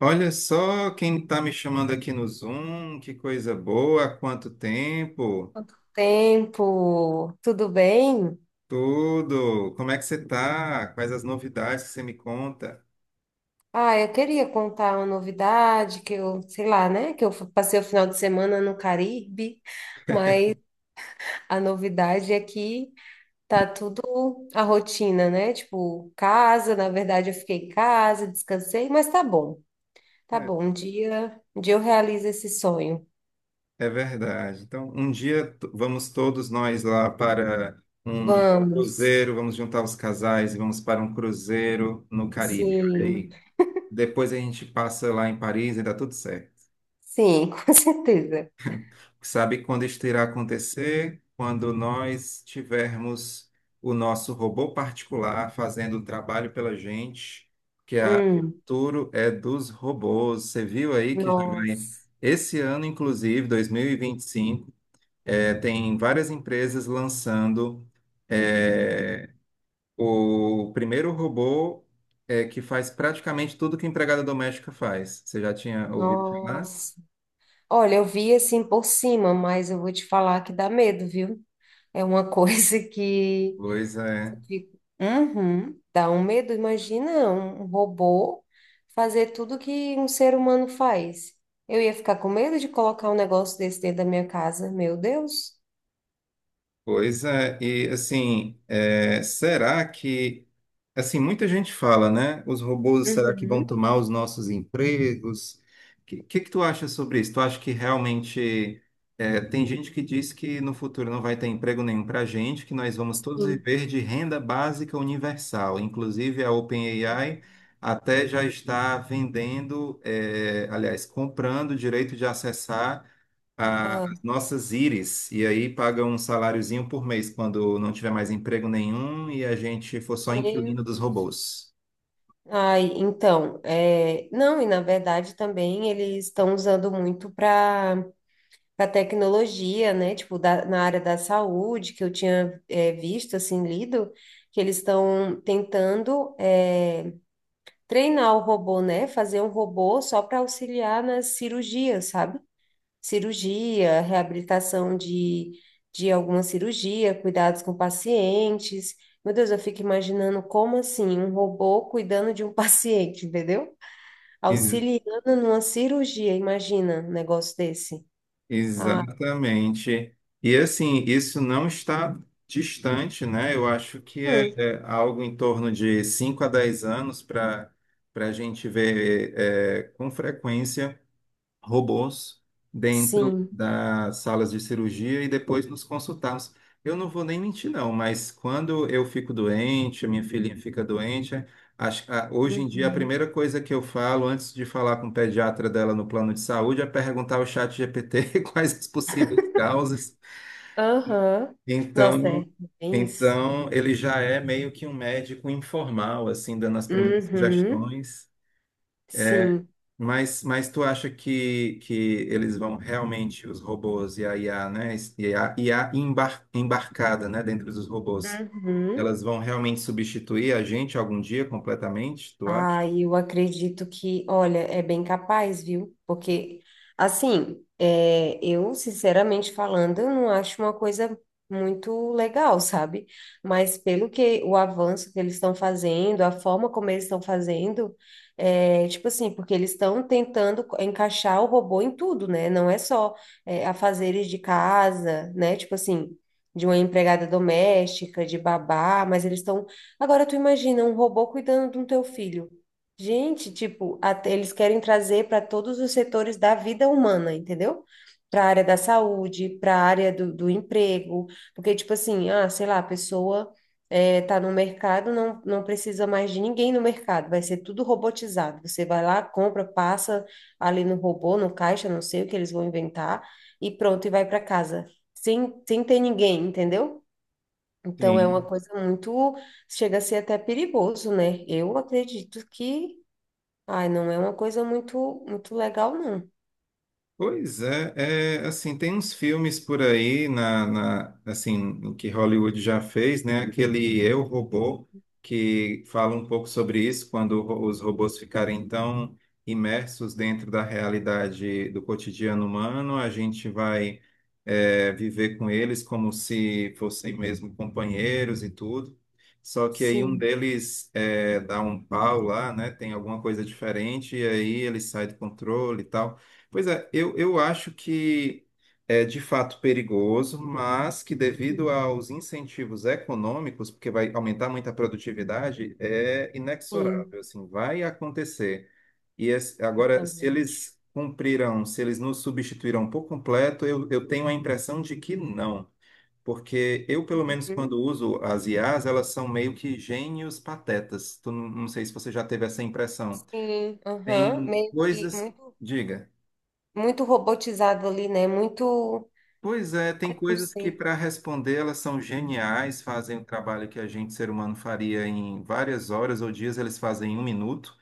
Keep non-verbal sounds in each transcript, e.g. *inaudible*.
Olha só quem está me chamando aqui no Zoom, que coisa boa, há quanto tempo, Tempo, tudo bem? tudo, como é que você está? Quais as novidades que você me conta? Ah, eu queria contar uma novidade que eu, sei lá, né, que eu passei o final de semana no Caribe, mas a novidade é que tá tudo a rotina, né? Tipo, casa, na verdade eu fiquei em casa, descansei, mas tá bom. Tá É, bom, um dia eu realizo esse sonho. é verdade. Então, um dia vamos todos nós lá para um Vamos. cruzeiro, vamos juntar os casais e vamos para um cruzeiro no Caribe, olha Sim. aí. Depois a gente passa lá em Paris e dá tudo certo. Sim, *laughs* com certeza. Sabe quando isso irá acontecer? Quando nós tivermos o nosso robô particular fazendo o trabalho pela gente, que é a Hum. o futuro é dos robôs. Você viu aí que já vai Nossa. esse ano, inclusive, 2025, tem várias empresas lançando eh, o primeiro robô que faz praticamente tudo que a empregada doméstica faz. Você já tinha ouvido falar? Nossa. Olha, eu vi assim por cima, mas eu vou te falar que dá medo, viu? É uma *laughs* coisa que Pois é. eu fico, uhum, dá um medo. Imagina um robô fazer tudo que um ser humano faz. Eu ia ficar com medo de colocar um negócio desse dentro da minha casa, meu Deus. Pois é, e assim, assim, muita gente fala, né? Os robôs, será que vão Uhum. tomar os nossos empregos? O que tu acha sobre isso? Tu acha que realmente, tem gente que diz que no futuro não vai ter emprego nenhum para gente, que nós vamos todos Sim. viver de renda básica universal. Inclusive, a Eu- OpenAI até já está vendendo, aliás, comprando o direito de acessar a ah, nossas íris, e aí paga um saláriozinho por mês quando não tiver mais emprego nenhum e a gente for só meu inquilino dos Deus. robôs. Ai, então, não, e na verdade também eles estão usando muito para tecnologia, né? Tipo, na área da saúde, que eu tinha visto, assim, lido, que eles estão tentando treinar o robô, né? Fazer um robô só para auxiliar nas cirurgias, sabe? Cirurgia, reabilitação de alguma cirurgia, cuidados com pacientes. Meu Deus, eu fico imaginando como assim, um robô cuidando de um *laughs* paciente, entendeu? E- Auxiliando numa cirurgia, imagina um negócio desse. Ah. Exatamente. E assim, isso não está distante, né? Eu acho que é, Hum. é algo em torno de 5 a 10 anos para a gente ver com frequência robôs dentro Sim. das salas de cirurgia e depois nos consultarmos. Eu não vou nem mentir, não, mas quando eu fico doente, a minha filhinha fica doente, hoje em dia a Uhum. primeira coisa que eu falo antes de falar com o pediatra dela no plano de saúde é perguntar ao chat GPT *laughs* quais as possíveis causas. Aham. Nossa, é Então, bem isso. Ele já é meio que um médico informal, assim, dando as primeiras Uhum. sugestões. Sim. Mas, tu acha que eles vão realmente, os robôs e a IA, né? E a IA embarcada, né, dentro dos robôs, Uhum. elas vão realmente substituir a gente algum dia completamente, tu acha? Ah, eu acredito que, olha, é bem capaz, viu? Porque, assim, é, eu, sinceramente falando, eu não acho uma coisa muito legal, sabe? Mas pelo que o avanço que eles estão fazendo, a forma como eles estão fazendo, é, tipo assim, porque eles estão tentando encaixar o robô em tudo, né? Não é só, é, afazeres de casa, né? Tipo assim. De uma empregada doméstica, de babá, mas eles estão. Agora tu imagina um robô cuidando do teu filho. Gente, tipo, até eles querem trazer para todos os setores da vida humana, entendeu? Para a área da saúde, para a área do, do emprego, porque tipo assim, ah, sei lá, a pessoa tá no mercado, não, não precisa mais de ninguém no mercado, vai ser tudo robotizado. Você vai lá, compra, passa ali no robô, no caixa, não sei o que eles vão inventar, e pronto, e vai para casa, sem, sem ter ninguém, entendeu? Então é uma Sim. coisa muito, chega a ser até perigoso, né? Eu acredito que, ai, não é uma coisa muito, muito legal, não. Pois é, assim, tem uns filmes por aí assim, que Hollywood já fez, né? Aquele Eu, Robô, que fala um pouco sobre isso, quando os robôs ficarem tão imersos dentro da realidade do cotidiano humano, a gente vai, viver com eles como se fossem mesmo companheiros e tudo. Só que aí um Sim. deles dá um pau lá, né? Tem alguma coisa diferente e aí ele sai do controle e tal. Pois é, eu acho que é de fato perigoso, mas que devido Uhum. aos incentivos econômicos, porque vai aumentar muito a produtividade, é Sim. inexorável, assim, vai acontecer. Eu Agora, se também acho. eles cumprirão, se eles nos substituirão por completo, eu tenho a impressão de que não. Porque eu, pelo menos, Uhum. quando uso as IAs, elas são meio que gênios patetas. Tu, não não sei se você já teve essa impressão. Sim, aham. Tem Meio que coisas. muito, Diga. muito robotizado ali, né? Muito, Pois é, tem ai, não coisas que sei. para responder elas são geniais, fazem o trabalho que a gente, ser humano, faria em várias horas ou dias, eles fazem em um minuto.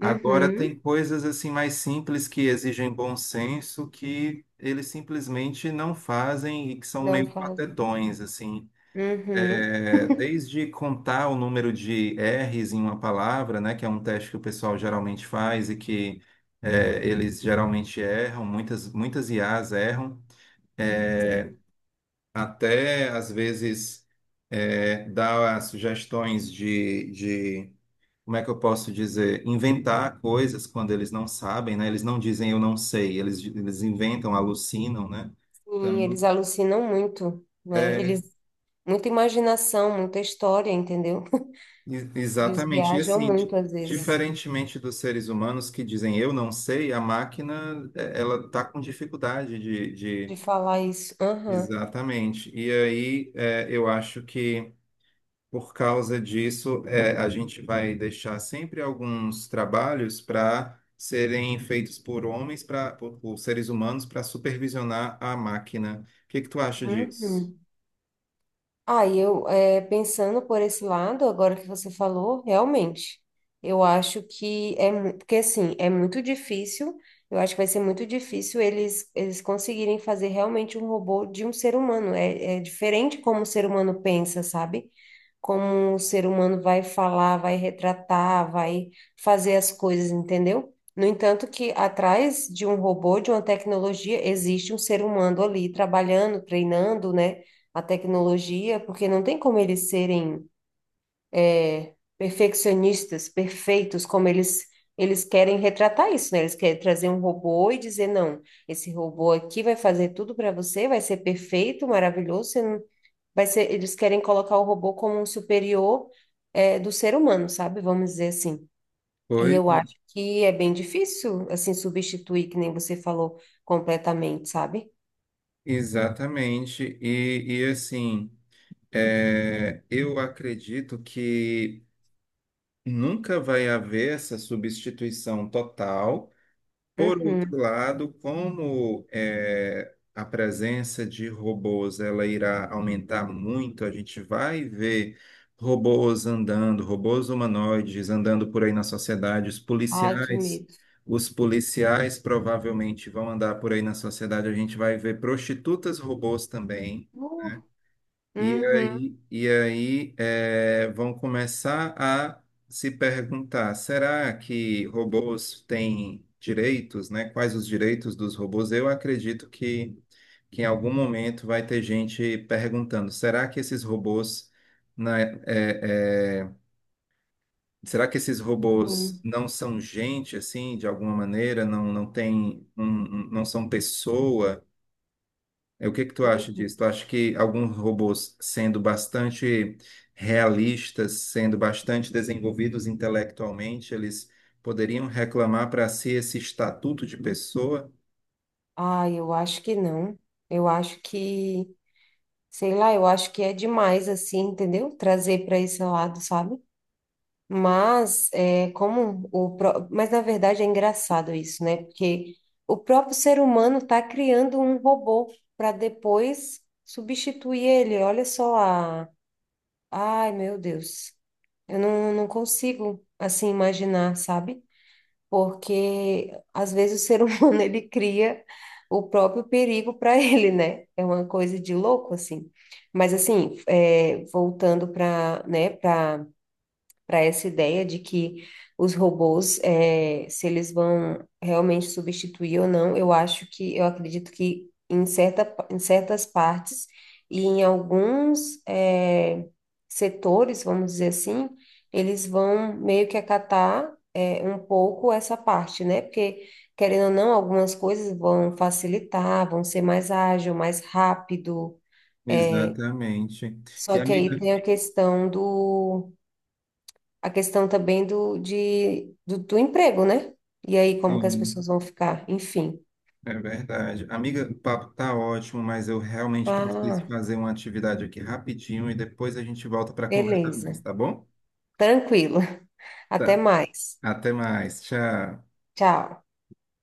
Agora tem Uhum. coisas assim mais simples que exigem bom senso que eles simplesmente não fazem e que são Não meio faz. patetões, assim. Uhum. É, desde contar o número de R's em uma palavra, né, que é um teste que o pessoal geralmente faz e que eles geralmente erram, muitas IAs erram até às vezes dar sugestões como é que eu posso dizer, inventar coisas quando eles não sabem, né? Eles não dizem eu não sei, eles inventam, alucinam, né? Sim, Então, eles alucinam muito, né? é, Eles, muita imaginação, muita história, entendeu? *laughs* Eles exatamente. E viajam assim, muito às vezes. diferentemente dos seres humanos que dizem eu não sei, a máquina, ela está com dificuldade. De falar isso. Aham. Exatamente. E aí, eu acho que por causa disso, é, a gente vai deixar sempre alguns trabalhos para serem feitos por homens, por seres humanos, para supervisionar a máquina. O que que tu acha disso? Uhum. Aí eu, é, pensando por esse lado, agora que você falou, realmente, eu acho que é, porque assim, é muito difícil, eu acho que vai ser muito difícil eles, eles conseguirem fazer realmente um robô de um ser humano, é, é diferente como o ser humano pensa, sabe? Como o ser humano vai falar, vai retratar, vai fazer as coisas, entendeu? No entanto, que atrás de um robô, de uma tecnologia, existe um ser humano ali trabalhando, treinando, né, a tecnologia, porque não tem como eles serem perfeccionistas, perfeitos, como eles querem retratar isso, né? Eles querem trazer um robô e dizer, não, esse robô aqui vai fazer tudo para você, vai ser perfeito, maravilhoso, você não vai ser, eles querem colocar o robô como um superior, é, do ser humano, sabe? Vamos dizer assim. E Pois, eu acho que é bem difícil, assim, substituir, que nem você falou, completamente, sabe? exatamente. E, assim, eu acredito que nunca vai haver essa substituição total. Por outro Uhum. lado, como a presença de robôs ela irá aumentar muito, a gente vai ver robôs andando, robôs humanoides andando por aí na sociedade, os Ai, que policiais, medo. os policiais provavelmente vão andar por aí na sociedade, a gente vai ver prostitutas robôs também. Uh. E Uhum. aí, e aí eh, vão começar a se perguntar: será que robôs têm direitos, né? Quais os direitos dos robôs? Eu acredito que em algum momento vai ter gente perguntando: né, eh, eh, será que esses robôs Sim. não são gente assim, de alguma maneira? Não, não tem, não, não são pessoa? O que que tu acha disso? Tu acha que alguns robôs, sendo bastante realistas, sendo bastante desenvolvidos intelectualmente, eles poderiam reclamar para si esse estatuto de pessoa? Ai, eu acho que não. Eu acho que, sei lá, eu acho que é demais, assim, entendeu? Trazer para esse lado, sabe? Mas é como o mas na verdade é engraçado isso, né? Porque o próprio ser humano está criando um robô para depois substituir ele. Olha só a, ai meu Deus, eu não, não consigo assim imaginar, sabe? Porque às vezes o ser *laughs* humano ele cria o próprio perigo para ele, né? É uma coisa de louco assim. Mas assim, é, voltando para, né? Para essa ideia de que os robôs, é, se eles vão realmente substituir ou não, eu acho que, eu acredito que em certa, em certas partes e em alguns, é, setores, vamos dizer assim, eles vão meio que acatar, é, um pouco essa parte, né? Porque, querendo ou não, algumas coisas vão facilitar, vão ser mais ágil, mais rápido. Exatamente. E Só que amiga, aí tem a questão do a questão também do, de, do, do emprego, né? E aí, como que as sim, pessoas vão ficar? Enfim. é verdade. Amiga, o papo tá ótimo, mas eu realmente preciso Ah, fazer uma atividade aqui rapidinho e depois a gente volta para conversar mais, beleza. tá bom? Tranquilo. *laughs* Tá. Até mais. Até mais. Tchau. Tchau.